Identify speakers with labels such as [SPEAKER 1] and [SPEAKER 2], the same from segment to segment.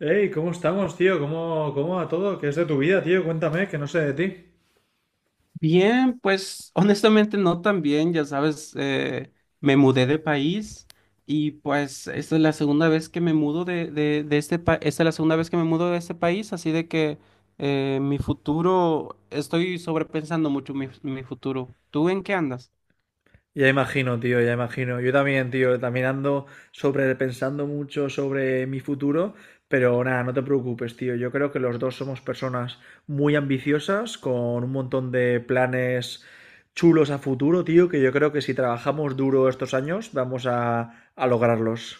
[SPEAKER 1] Hey, ¿cómo estamos, tío? ¿Cómo va todo? ¿Qué es de tu vida, tío? Cuéntame, que no sé de ti.
[SPEAKER 2] Bien, pues honestamente no tan bien, ya sabes, me mudé de país y pues esta es la segunda vez que me mudo de este país, esta es la segunda vez que me mudo de este país, así de que mi futuro, estoy sobrepensando mucho mi futuro. ¿Tú en qué andas?
[SPEAKER 1] Ya imagino, tío, ya imagino. Yo también, tío, también ando sobre pensando mucho sobre mi futuro, pero nada, no te preocupes, tío. Yo creo que los dos somos personas muy ambiciosas, con un montón de planes chulos a futuro, tío, que yo creo que si trabajamos duro estos años, vamos a lograrlos.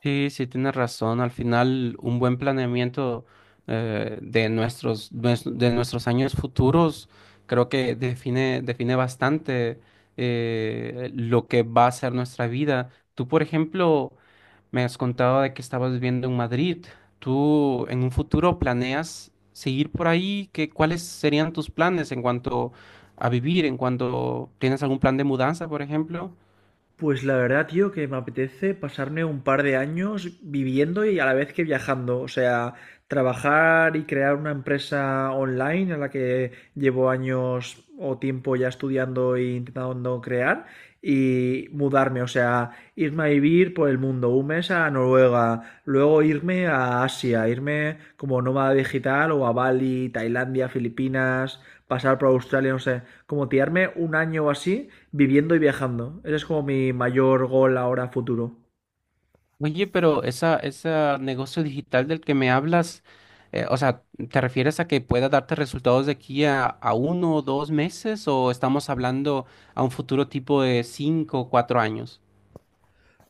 [SPEAKER 2] Sí, sí, tienes razón. Al final, un buen planeamiento de de nuestros años futuros creo que define bastante lo que va a ser nuestra vida. Tú, por ejemplo, me has contado de que estabas viviendo en Madrid. ¿Tú en un futuro planeas seguir por ahí? ¿Cuáles serían tus planes en cuanto a vivir? ¿En cuanto tienes algún plan de mudanza, por ejemplo?
[SPEAKER 1] Pues la verdad, tío, que me apetece pasarme un par de años viviendo y a la vez que viajando. O sea, trabajar y crear una empresa online a la que llevo años o tiempo ya estudiando e intentando crear y mudarme, o sea, irme a vivir por el mundo, un mes a Noruega, luego irme a Asia, irme como nómada digital o a Bali, Tailandia, Filipinas, pasar por Australia, no sé, como tirarme un año o así viviendo y viajando. Ese es como mi mayor gol ahora futuro.
[SPEAKER 2] Oye, ese negocio digital del que me hablas, o sea, ¿te refieres a que pueda darte resultados de aquí a uno o dos meses o estamos hablando a un futuro tipo de cinco o cuatro años?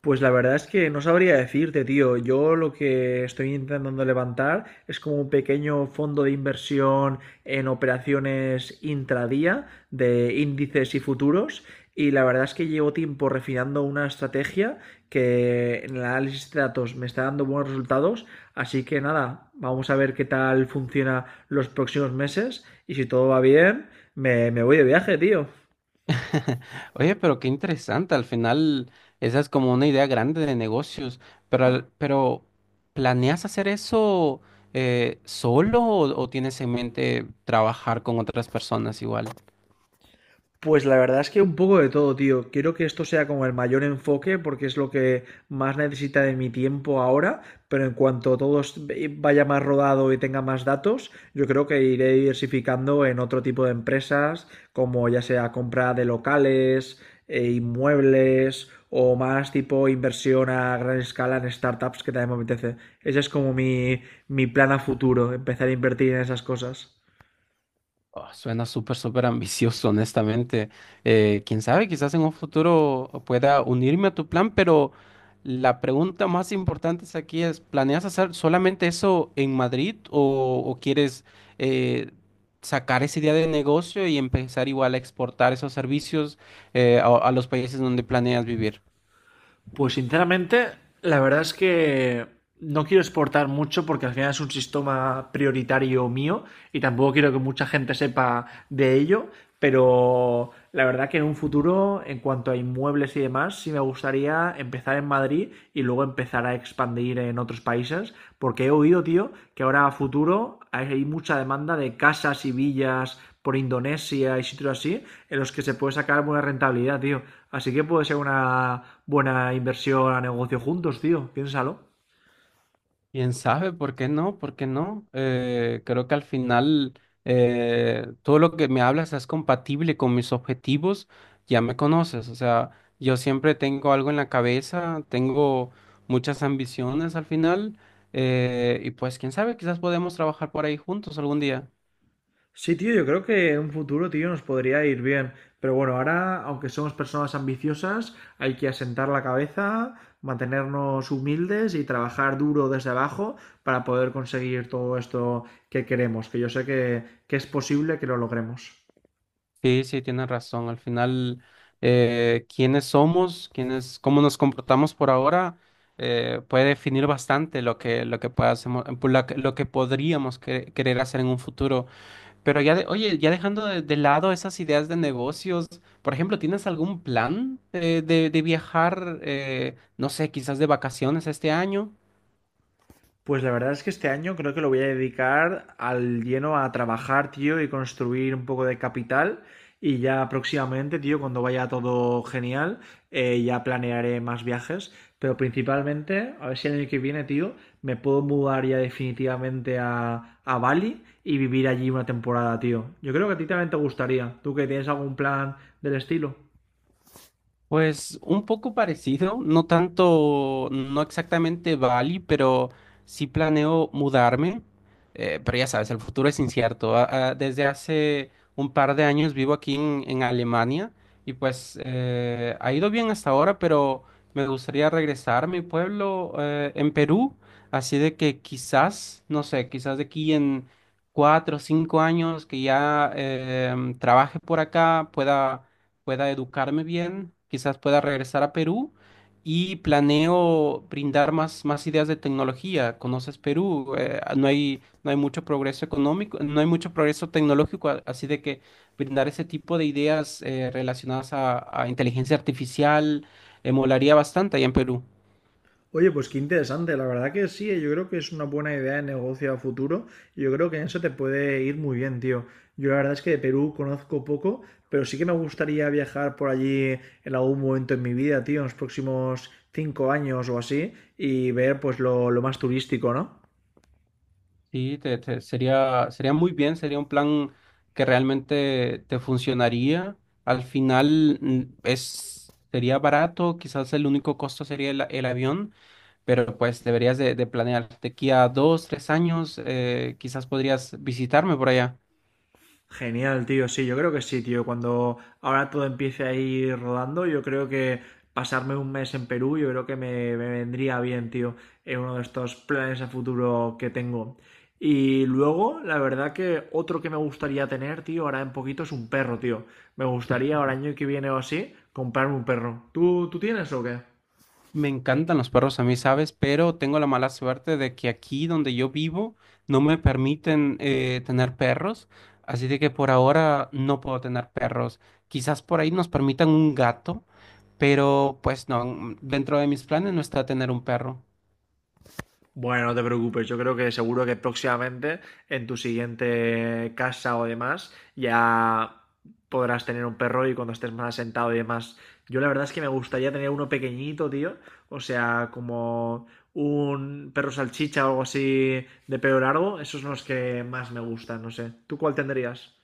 [SPEAKER 1] Pues la verdad es que no sabría decirte, tío. Yo lo que estoy intentando levantar es como un pequeño fondo de inversión en operaciones intradía de índices y futuros. Y la verdad es que llevo tiempo refinando una estrategia que en el análisis de datos me está dando buenos resultados. Así que nada, vamos a ver qué tal funciona los próximos meses. Y si todo va bien, me voy de viaje, tío.
[SPEAKER 2] Oye, pero qué interesante, al final esa es como una idea grande de negocios, pero, pero ¿planeas hacer eso solo o tienes en mente trabajar con otras personas igual?
[SPEAKER 1] Pues la verdad es que un poco de todo, tío. Quiero que esto sea como el mayor enfoque porque es lo que más necesita de mi tiempo ahora, pero en cuanto vaya más rodado y tenga más datos, yo creo que iré diversificando en otro tipo de empresas, como ya sea compra de locales, inmuebles o más tipo inversión a gran escala en startups que también me apetece. Ese es como mi plan a futuro, empezar a invertir en esas cosas.
[SPEAKER 2] Oh, suena súper, súper ambicioso, honestamente. Quién sabe, quizás en un futuro pueda unirme a tu plan, pero la pregunta más importante es aquí es, ¿planeas hacer solamente eso en Madrid o quieres eh, sacar esa idea de negocio y empezar igual a exportar esos servicios a los países donde planeas vivir?
[SPEAKER 1] Pues sinceramente, la verdad es que no quiero exportar mucho porque al final es un sistema prioritario mío y tampoco quiero que mucha gente sepa de ello, pero la verdad que en un futuro, en cuanto a inmuebles y demás, sí me gustaría empezar en Madrid y luego empezar a expandir en otros países, porque he oído, tío, que ahora a futuro hay mucha demanda de casas y villas por Indonesia y sitios así, en los que se puede sacar buena rentabilidad, tío. Así que puede ser una buena inversión a negocio juntos, tío. Piénsalo.
[SPEAKER 2] Quién sabe, ¿por qué no? ¿Por qué no? Creo que al final todo lo que me hablas es compatible con mis objetivos, ya me conoces, o sea, yo siempre tengo algo en la cabeza, tengo muchas ambiciones al final, y pues quién sabe, quizás podemos trabajar por ahí juntos algún día.
[SPEAKER 1] Sí, tío, yo creo que en un futuro, tío, nos podría ir bien. Pero bueno, ahora, aunque somos personas ambiciosas, hay que asentar la cabeza, mantenernos humildes y trabajar duro desde abajo para poder conseguir todo esto que queremos, que yo sé que es posible que lo logremos.
[SPEAKER 2] Sí, sí, tienes razón. Al final, quiénes somos, quiénes, cómo nos comportamos por ahora, puede definir bastante lo que pueda hacemo- pu- la que- lo que podríamos querer hacer en un futuro. Pero ya, oye, ya dejando de lado esas ideas de negocios, por ejemplo, ¿tienes algún plan de viajar, no sé, quizás de vacaciones este año?
[SPEAKER 1] Pues la verdad es que este año creo que lo voy a dedicar al lleno a trabajar, tío, y construir un poco de capital. Y ya próximamente, tío, cuando vaya todo genial, ya planearé más viajes. Pero principalmente, a ver si el año que viene, tío, me puedo mudar ya definitivamente a Bali y vivir allí una temporada, tío. Yo creo que a ti también te gustaría. ¿Tú que tienes algún plan del estilo?
[SPEAKER 2] Pues un poco parecido, no tanto, no exactamente Bali, pero sí planeo mudarme, pero ya sabes, el futuro es incierto. Desde hace un par de años vivo aquí en Alemania y pues ha ido bien hasta ahora, pero me gustaría regresar a mi pueblo en Perú, así de que quizás, no sé, quizás de aquí en cuatro o cinco años que ya trabaje por acá, pueda educarme bien, quizás pueda regresar a Perú y planeo brindar más ideas de tecnología. ¿Conoces Perú? No hay mucho progreso económico, no hay mucho progreso tecnológico, así de que brindar ese tipo de ideas relacionadas a inteligencia artificial molaría bastante allá en Perú.
[SPEAKER 1] Oye, pues qué interesante, la verdad que sí, yo creo que es una buena idea de negocio a futuro y yo creo que en eso te puede ir muy bien, tío. Yo la verdad es que de Perú conozco poco, pero sí que me gustaría viajar por allí en algún momento en mi vida, tío, en los próximos cinco años o así y ver pues lo más turístico, ¿no?
[SPEAKER 2] Sí, sería muy bien, sería un plan que realmente te funcionaría. Al final sería barato, quizás el único costo sería el avión, pero pues deberías de planear de aquí a dos, tres años, quizás podrías visitarme por allá.
[SPEAKER 1] Genial, tío. Sí, yo creo que sí, tío. Cuando ahora todo empiece a ir rodando, yo creo que pasarme un mes en Perú, yo creo que me vendría bien, tío, en uno de estos planes a futuro que tengo. Y luego, la verdad que otro que me gustaría tener, tío, ahora en poquito es un perro, tío. Me gustaría ahora año que viene o así comprarme un perro. ¿Tú tienes o qué?
[SPEAKER 2] Me encantan los perros a mí, ¿sabes? Pero tengo la mala suerte de que aquí donde yo vivo no me permiten tener perros, así de que por ahora no puedo tener perros. Quizás por ahí nos permitan un gato, pero pues no, dentro de mis planes no está tener un perro.
[SPEAKER 1] Bueno, no te preocupes, yo creo que seguro que próximamente en tu siguiente casa o demás ya podrás tener un perro y cuando estés más asentado y demás. Yo la verdad es que me gustaría tener uno pequeñito, tío. O sea, como un perro salchicha o algo así de pelo largo. Esos son los que más me gustan, no sé. ¿Tú cuál tendrías?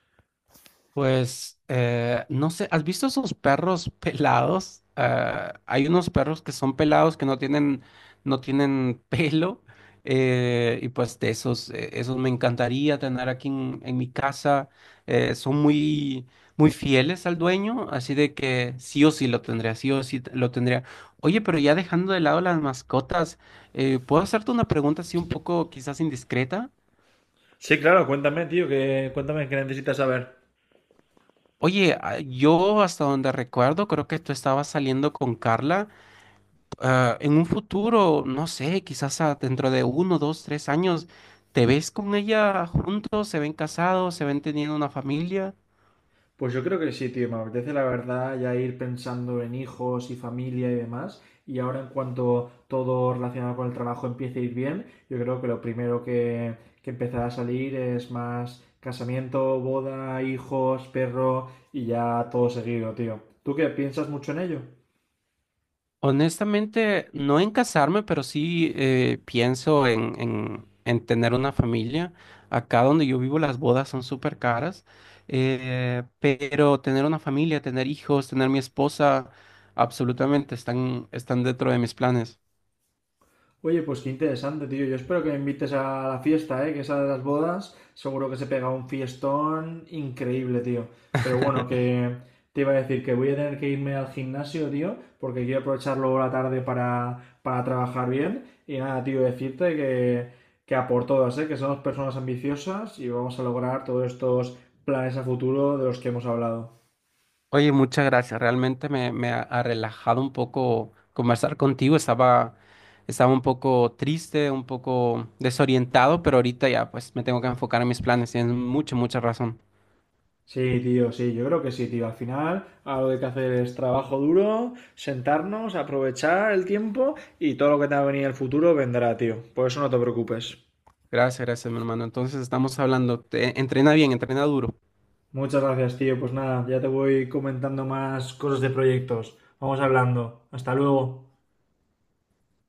[SPEAKER 2] Pues no sé, ¿has visto esos perros pelados? Ah, hay unos perros que son pelados que no tienen pelo. Y pues de esos, esos me encantaría tener aquí en mi casa. Son muy, muy fieles al dueño, así de que sí o sí lo tendría, sí o sí lo tendría. Oye, pero ya dejando de lado las mascotas, ¿puedo hacerte una pregunta así un poco quizás indiscreta?
[SPEAKER 1] Sí, claro, cuéntame, tío, que cuéntame qué necesitas saber.
[SPEAKER 2] Oye, ah, yo hasta donde recuerdo, creo que tú estabas saliendo con Carla. Ah, en un futuro, no sé, quizás ah, dentro de uno, dos, tres años, ¿te ves con ella juntos? ¿Se ven casados? ¿Se ven teniendo una familia?
[SPEAKER 1] Pues yo creo que sí, tío. Me apetece la verdad ya ir pensando en hijos y familia y demás. Y ahora en cuanto todo relacionado con el trabajo empiece a ir bien, yo creo que lo primero que empezará a salir es más casamiento, boda, hijos, perro y ya todo seguido, tío. ¿Tú qué piensas mucho en ello?
[SPEAKER 2] Honestamente, no en casarme, pero sí pienso en tener una familia. Acá donde yo vivo las bodas son súper caras, pero tener una familia, tener hijos, tener mi esposa, absolutamente están, están dentro de mis planes.
[SPEAKER 1] Oye, pues qué interesante, tío. Yo espero que me invites a la fiesta, ¿eh? Que esa de las bodas, seguro que se pega un fiestón increíble, tío. Pero bueno, que te iba a decir que voy a tener que irme al gimnasio, tío, porque quiero aprovechar luego la tarde para trabajar bien. Y nada, tío, decirte que a por todas, ¿eh? Que somos personas ambiciosas y vamos a lograr todos estos planes a futuro de los que hemos hablado.
[SPEAKER 2] Oye, muchas gracias. Realmente ha relajado un poco conversar contigo. Estaba un poco triste, un poco desorientado, pero ahorita ya pues me tengo que enfocar en mis planes. Tienes mucha, mucha razón.
[SPEAKER 1] Sí, tío, sí, yo creo que sí, tío. Al final, algo que hay que hacer es trabajo duro, sentarnos, aprovechar el tiempo y todo lo que te va a venir en el futuro vendrá, tío. Por eso no te preocupes.
[SPEAKER 2] Gracias, gracias, mi hermano. Entonces estamos hablando. Entrena bien, entrena duro.
[SPEAKER 1] Muchas gracias, tío. Pues nada, ya te voy comentando más cosas de proyectos. Vamos hablando. Hasta luego.